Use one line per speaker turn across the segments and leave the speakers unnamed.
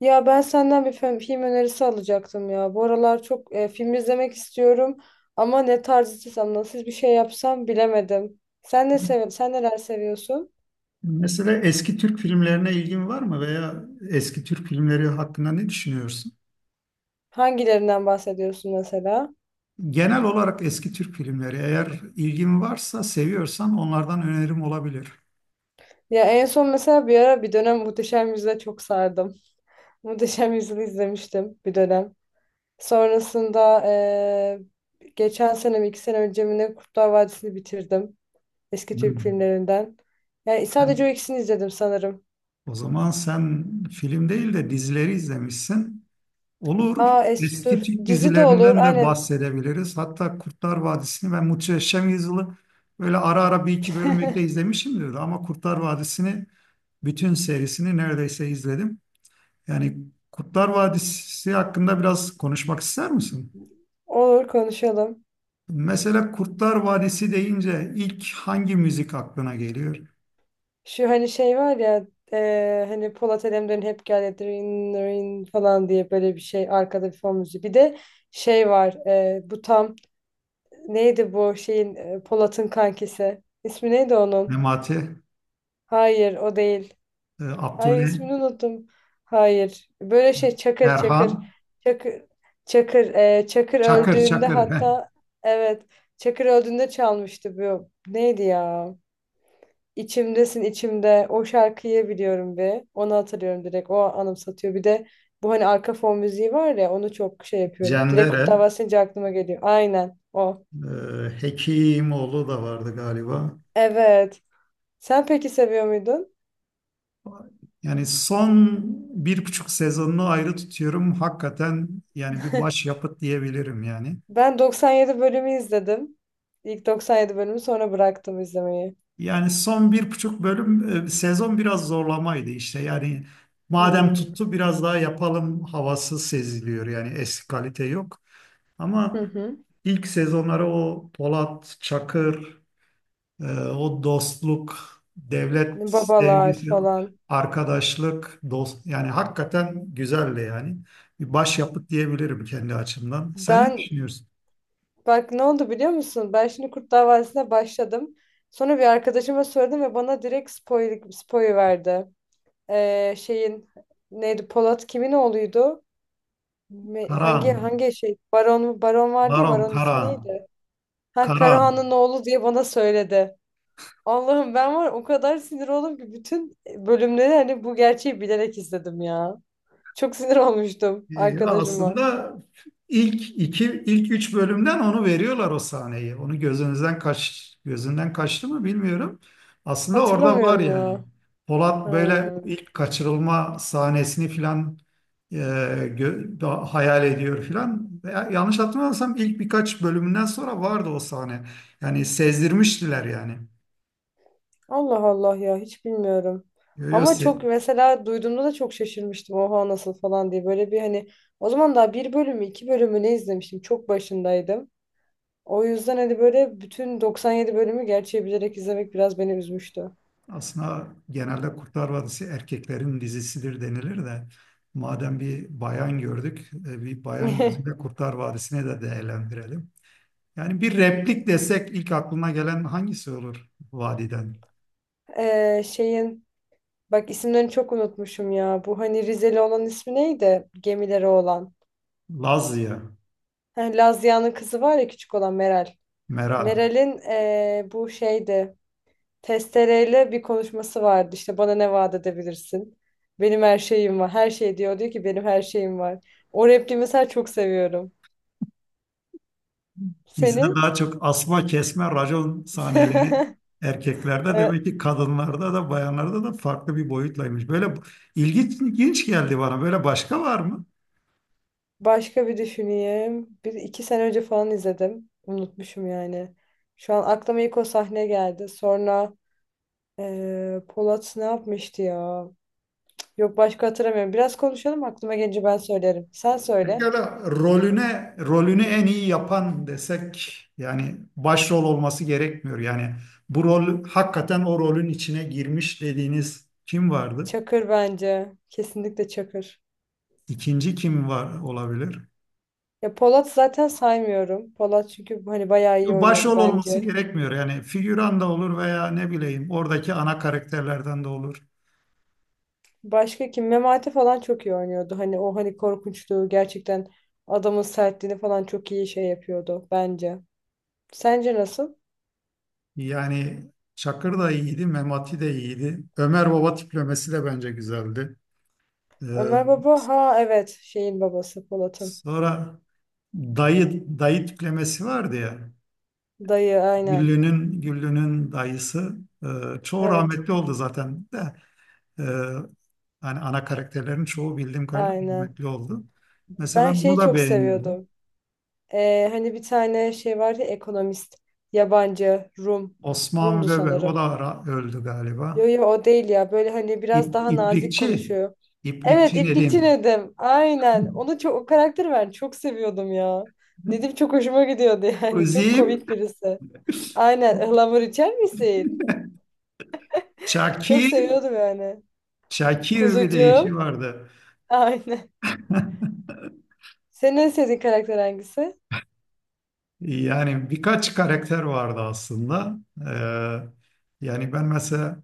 Ya ben senden bir film, film önerisi alacaktım ya. Bu aralar çok film izlemek istiyorum ama ne tarz istesem, nasıl bir şey yapsam bilemedim. Sen neler seviyorsun?
Mesela eski Türk filmlerine ilgin var mı veya eski Türk filmleri hakkında ne düşünüyorsun?
Hangilerinden bahsediyorsun mesela?
Genel olarak eski Türk filmleri eğer ilgin varsa, seviyorsan onlardan önerim olabilir.
Ya en son mesela bir ara bir dönem Muhteşem Yüzyıl'e çok sardım. Muhteşem Yüzyıl'ı izlemiştim bir dönem. Sonrasında geçen sene mi iki sene önce mi ne Kurtlar Vadisi'ni bitirdim. Eski Türk
Hmm.
filmlerinden. Yani sadece
Sen-
o ikisini izledim sanırım.
O zaman sen film değil de dizileri izlemişsin. Olur.
Aa es dur,
Eski Türk
dizi de olur
dizilerinden de
aynen.
bahsedebiliriz. Hatta Kurtlar Vadisi'ni, ben Muhteşem Yüzyıl'ı böyle ara ara bir iki bölümlükte izlemişimdir ama Kurtlar Vadisi'ni bütün serisini neredeyse izledim. Yani Kurtlar Vadisi hakkında biraz konuşmak ister misin?
Olur, konuşalım.
Mesela Kurtlar Vadisi deyince ilk hangi müzik aklına geliyor?
Şu hani şey var ya, hani Polat Alemdar'ın hep gel dırın, dırın falan diye böyle bir şey arkada bir fon müziği. Bir de şey var, bu tam neydi bu şeyin, Polat'ın kankisi. İsmi neydi onun?
Memati,
Hayır, o değil. Ay,
Abdullah,
ismini unuttum. Hayır. Böyle şey, Çakır.
Erhan,
Çakır Çakır Çakır
Çakır,
öldüğünde
Çakır, heh.
hatta evet, Çakır öldüğünde çalmıştı bu. Neydi ya? İçimdesin içimde. O şarkıyı biliyorum bir. Onu hatırlıyorum direkt. O anımsatıyor. Bir de bu hani arka fon müziği var ya, onu çok şey yapıyorum. Direkt Kurtlar
Cendere,
Vadisi deyince aklıma geliyor. Aynen o.
Hekimoğlu da vardı galiba.
Evet. Sen peki seviyor muydun?
Yani son bir buçuk sezonunu ayrı tutuyorum. Hakikaten yani bir başyapıt diyebilirim yani.
Ben 97 bölümü izledim. İlk 97 bölümü sonra bıraktım izlemeyi.
Yani son bir buçuk bölüm sezon biraz zorlamaydı işte. Yani madem
Hmm.
tuttu biraz daha yapalım havası seziliyor. Yani eski kalite yok.
Hı
Ama
hı.
ilk sezonları o Polat, Çakır, o dostluk, devlet
Babalar
sevgisi,
falan.
arkadaşlık, dost, yani hakikaten güzeldi yani. Bir başyapıt diyebilirim kendi açımdan. Sen ne
Ben,
düşünüyorsun?
bak ne oldu biliyor musun? Ben şimdi Kurt Davası'na başladım. Sonra bir arkadaşıma sordum ve bana direkt spoil verdi. Şeyin neydi? Polat kimin oğluydu? Me-
Karahan,
Hangi şey? Baron mu? Baron vardı ya.
Baron
Baron ismi
Karahan,
neydi? Ha,
Karahan.
Karahan'ın oğlu diye bana söyledi. Allah'ım, ben var o kadar sinir oldum ki bütün bölümleri hani bu gerçeği bilerek izledim ya. Çok sinir olmuştum arkadaşıma.
Aslında ilk üç bölümden onu veriyorlar, o sahneyi. Onu gözünden kaçtı mı bilmiyorum. Aslında orada var
Hatırlamıyorum
yani.
ya.
Polat böyle
Ha.
ilk kaçırılma sahnesini filan hayal ediyor filan. Veya yanlış hatırlamıyorsam ilk birkaç bölümünden sonra vardı o sahne. Yani sezdirmiştiler yani.
Allah Allah ya, hiç bilmiyorum.
Yo, yo,
Ama çok
se-
mesela duyduğumda da çok şaşırmıştım. Oha, nasıl falan diye. Böyle bir hani o zaman daha bir bölümü iki bölümü ne izlemiştim. Çok başındaydım. O yüzden hani böyle bütün 97 bölümü gerçeği bilerek izlemek biraz beni üzmüştü.
Aslında genelde Kurtlar Vadisi erkeklerin dizisidir denilir de, madem bir bayan gördük, bir bayan gözüyle Kurtlar Vadisi'ni de değerlendirelim. Yani bir replik desek, ilk aklına gelen hangisi olur vadiden?
Şeyin, bak isimlerini çok unutmuşum ya. Bu hani Rizeli olan ismi neydi? Gemileri olan.
Lazya,
Heh, Lazia'nın kızı var ya, küçük olan Meral.
Meral.
Meral'in, bu şeydi. Testereyle bir konuşması vardı. İşte bana ne vaat edebilirsin? Benim her şeyim var. Her şey, diyor. Diyor ki benim her şeyim var. O repliği mesela çok seviyorum.
Bizde
Senin?
daha çok asma kesme racon sahneleri, erkeklerde
Evet,
demek ki, kadınlarda da, bayanlarda da farklı bir boyutlaymış. Böyle ilginç geldi bana. Böyle başka var mı?
başka bir düşüneyim. Bir iki sene önce falan izledim. Unutmuşum yani. Şu an aklıma ilk o sahne geldi. Sonra Polat ne yapmıştı ya? Yok, başka hatırlamıyorum. Biraz konuşalım, aklıma gelince ben söylerim. Sen söyle.
Pekala rolünü en iyi yapan desek, yani başrol olması gerekmiyor. Yani bu rol hakikaten o rolün içine girmiş dediğiniz kim vardı?
Çakır bence. Kesinlikle Çakır.
İkinci kim var olabilir?
Ya Polat zaten saymıyorum. Polat çünkü hani bayağı iyi oynuyordu
Başrol olması
bence.
gerekmiyor. Yani figüran da olur veya ne bileyim oradaki ana karakterlerden de olur.
Başka kim? Memati falan çok iyi oynuyordu. Hani o hani korkunçluğu, gerçekten adamın sertliğini falan çok iyi şey yapıyordu bence. Sence nasıl?
Yani Çakır da iyiydi, Memati de iyiydi. Ömer Baba tiplemesi de bence güzeldi. Ee,
Ömer Baba,
s-
ha evet, şeyin babası, Polat'ın.
Sonra dayı tiplemesi vardı ya.
Dayı, aynen.
Güllü'nün dayısı, e, çoğu
Evet,
rahmetli oldu zaten de, e, hani ana karakterlerin çoğu bildiğim kadarıyla
aynen.
rahmetli oldu. Mesela
Ben
ben bunu
şeyi
da
çok
beğeniyordum.
seviyordum. Hani bir tane şey vardı ya, ekonomist. Yabancı Rum.
Osman
Rum'du
Weber, o
sanırım.
da öldü galiba.
Yo yo, o değil ya. Böyle hani biraz daha nazik
İplikçi.
konuşuyor. Evet,
İplikçi ne
İpekçi
diyeyim?
Nedim. Aynen. Onu çok, o karakteri ben çok seviyordum ya. Nedim çok hoşuma gidiyordu yani. Çok
Kuzim,
komik birisi. Aynen. Ihlamur içer misin? Çok
Şakir,
seviyordum yani.
Şakir bir de eşi
Kuzucuğum.
vardı.
Aynen. Senin en sevdiğin karakter hangisi?
Yani birkaç karakter vardı aslında. Yani ben mesela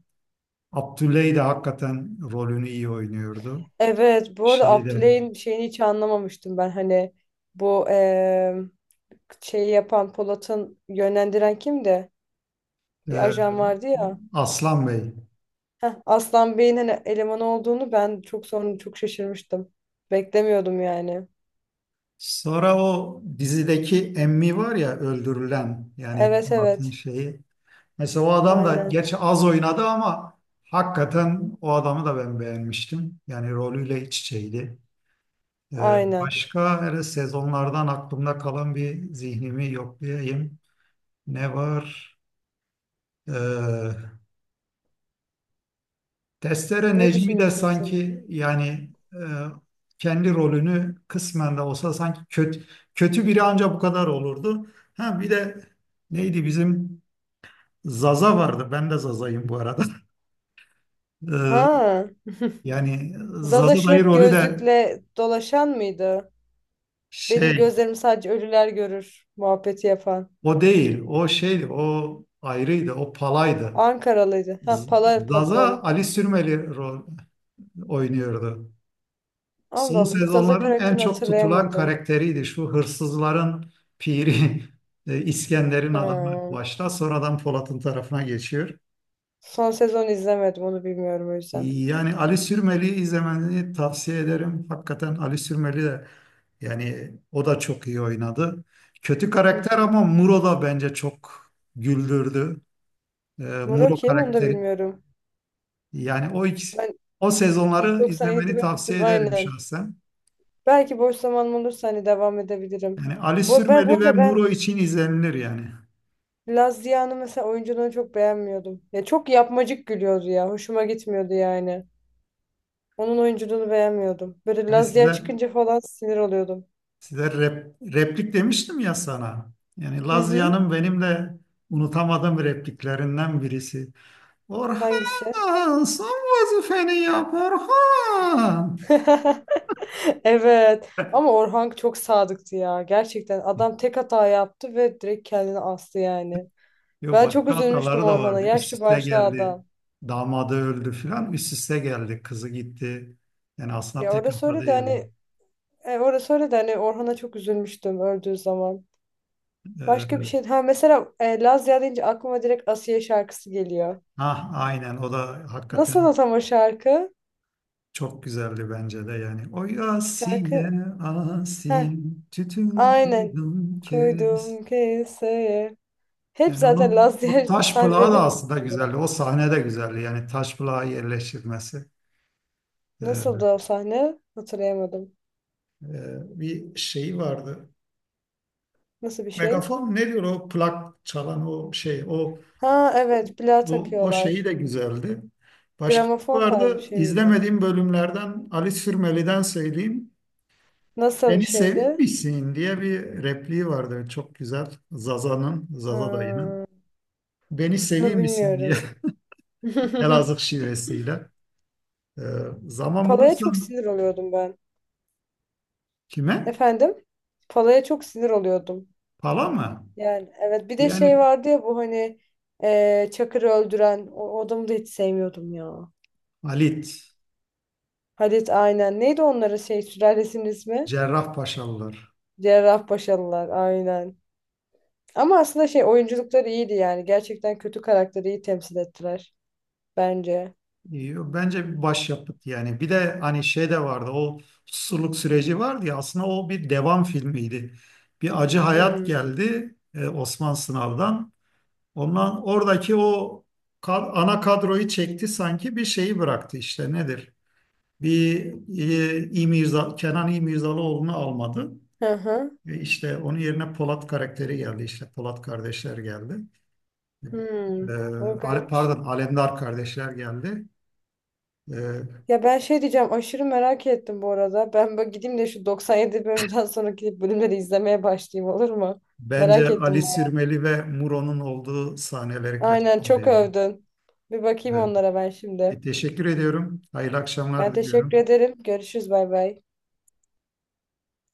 Abdüley de hakikaten rolünü iyi oynuyordu.
Evet. Bu arada
Şeyde,
Abdüley'in şeyini hiç anlamamıştım ben. Hani bu şeyi yapan, Polat'ın yönlendiren kimdi?
e,
Bir ajan vardı ya.
Aslan Bey.
Heh, Aslan Bey'in hani eleman olduğunu ben çok sonra çok şaşırmıştım. Beklemiyordum yani.
Sonra o dizideki Emmi var ya, öldürülen, yani
Evet
Murat'ın
evet.
şeyi. Mesela o adam da
Aynen.
gerçi az oynadı ama hakikaten o adamı da ben beğenmiştim. Yani rolüyle iç içeydi. E,
Aynen.
başka hele sezonlardan aklımda kalan bir, zihnimi yoklayayım. Ne var? E, Testere
Ne
Necmi de
düşünüyorsun sen?
sanki yani, kendi rolünü kısmen de olsa sanki kötü biri ancak bu kadar olurdu. Ha bir de neydi bizim Zaza vardı. Ben de Zaza'yım bu arada. E,
Ha.
yani
Zaza
Zaza
şu
dayı
hep
rolü de,
gözlükle dolaşan mıydı? Benim
şey,
gözlerim sadece ölüler görür muhabbeti yapan.
o değil. O şeydi. O ayrıydı. O palaydı.
Ankaralıydı. Ha,
Z-
Pala, pa-
Zaza
doğru.
Ali Sürmeli rol oynuyordu.
Allah
Son
Allah, hiç Zaza
sezonların en
karakterini
çok tutulan
hatırlayamadım.
karakteriydi. Şu hırsızların piri İskender'in adamı
Ha.
başta, sonradan Polat'ın tarafına geçiyor.
Son sezon izlemedim, onu bilmiyorum o yüzden.
Yani Ali Sürmeli'yi izlemeni tavsiye ederim. Hakikaten Ali Sürmeli de, yani o da çok iyi oynadı. Kötü
Hı
karakter
hı.
ama Muro da bence çok güldürdü.
Muro
Muro
kim, onu da
karakteri,
bilmiyorum.
yani o ikisi,
Ben
o
İlk
sezonları
97
izlemeni
bölüm
tavsiye
izledim
ederim
aynen.
şahsen.
Belki boş zamanım olursa hani devam edebilirim.
Yani Ali
Bu, ben, bu
Sürmeli ve
arada
Muro
ben
için izlenilir yani.
Laz Ziya'nın mesela oyunculuğunu çok beğenmiyordum. Ya çok yapmacık gülüyordu ya. Hoşuma gitmiyordu yani. Onun oyunculuğunu beğenmiyordum. Böyle
Hani
Laz Ziya çıkınca falan sinir oluyordum.
size replik demiştim ya sana. Yani
Hı hı.
Lazia'nın benim de unutamadığım repliklerinden birisi.
Hangisi?
Orhan, son vazifeni yap Orhan.
Evet. Ama Orhan çok sadıktı ya. Gerçekten adam tek hata yaptı ve direkt kendini astı yani.
Yok,
Ben çok
başka
üzülmüştüm
hataları da
Orhan'a.
vardı. Üst
Yaşlı
üste
başlı
geldi.
adam.
Damadı öldü filan. Üst üste geldi. Kızı gitti. Yani aslında
Ya,
tek
orada
hata
söyle de
değildi.
hani, e, orası öyle de hani Orhan'a çok üzülmüştüm öldüğü zaman. Başka bir
Ee,
şey. Ha mesela, Lazya deyince aklıma direkt Asiye şarkısı geliyor.
ah, aynen, o da
Nasıl
hakikaten
o tam o şarkı?
çok güzeldi bence de yani. Oy Asiye,
Şarkı. Ha,
Asiye, tütün
aynen.
kurdum kes.
Koydum keseye. Hep
Yani
zaten
onun o
Lazya
taş plağı da
sahnelerinde bunu
aslında
koyuyorlar.
güzeldi. O sahne de güzeldi. Yani taş plağı yerleştirmesi. Ee,
Nasıldı o sahne? Hatırlayamadım.
Bir şeyi vardı.
Nasıl bir şey?
Megafon ne diyor o plak çalan o şey.
Ha evet, plağa
O şeyi
takıyorlar.
de güzeldi. Başka
Gramofon tarzı bir
vardı.
şey miydi?
İzlemediğim bölümlerden Ali Sürmeli'den söyleyeyim.
Nasıl bir
Beni
şeydi?
sevmişsin diye bir repliği vardı. Çok güzel. Zaza'nın, Zaza dayının.
Ha,
Beni
onu
sevmişsin diye.
bilmiyorum.
Elazığ şivesiyle. Ee, zaman
Palaya çok
bulursan,
sinir oluyordum ben.
kime?
Efendim? Palaya çok sinir oluyordum.
Pala mı?
Yani evet, bir de şey
Yani
vardı ya bu hani Çakır'ı öldüren o, o adamı da hiç sevmiyordum ya.
Halit,
Halit, aynen. Neydi onların şey sülalesinin ismi?
Cerrahpaşalılar.
Cerrahpaşalılar, aynen. Ama aslında şey, oyunculukları iyiydi yani. Gerçekten kötü karakteri iyi temsil ettiler bence.
Bence bir başyapıt yani. Bir de hani şey de vardı. O susurluk süreci vardı ya. Aslında o bir devam filmiydi. Bir Acı Hayat
Hmm.
geldi Osman Sınav'dan. Ondan oradaki o ana kadroyu çekti, sanki bir şeyi bıraktı işte nedir? Bir Kenan İmirzalıoğlu'nu almadı.
Hı hı.
Ve işte onun yerine Polat karakteri geldi, işte Polat kardeşler geldi.
Hmm.
Ee,
O garip.
Pardon, Alemdar kardeşler geldi. Ee,
Ya ben şey diyeceğim, aşırı merak ettim bu arada. Ben böyle gideyim de şu 97 bölümden sonraki bölümleri izlemeye başlayayım, olur mu?
bence
Merak
Ali
ettim bu.
Sirmeli ve Muro'nun olduğu sahneleri
Aynen,
kaçırdı
çok
yani.
övdün. Bir bakayım
Evet.
onlara ben
E,
şimdi.
teşekkür ediyorum. Hayırlı
Ben
akşamlar
teşekkür
diliyorum.
ederim. Görüşürüz, bay bay.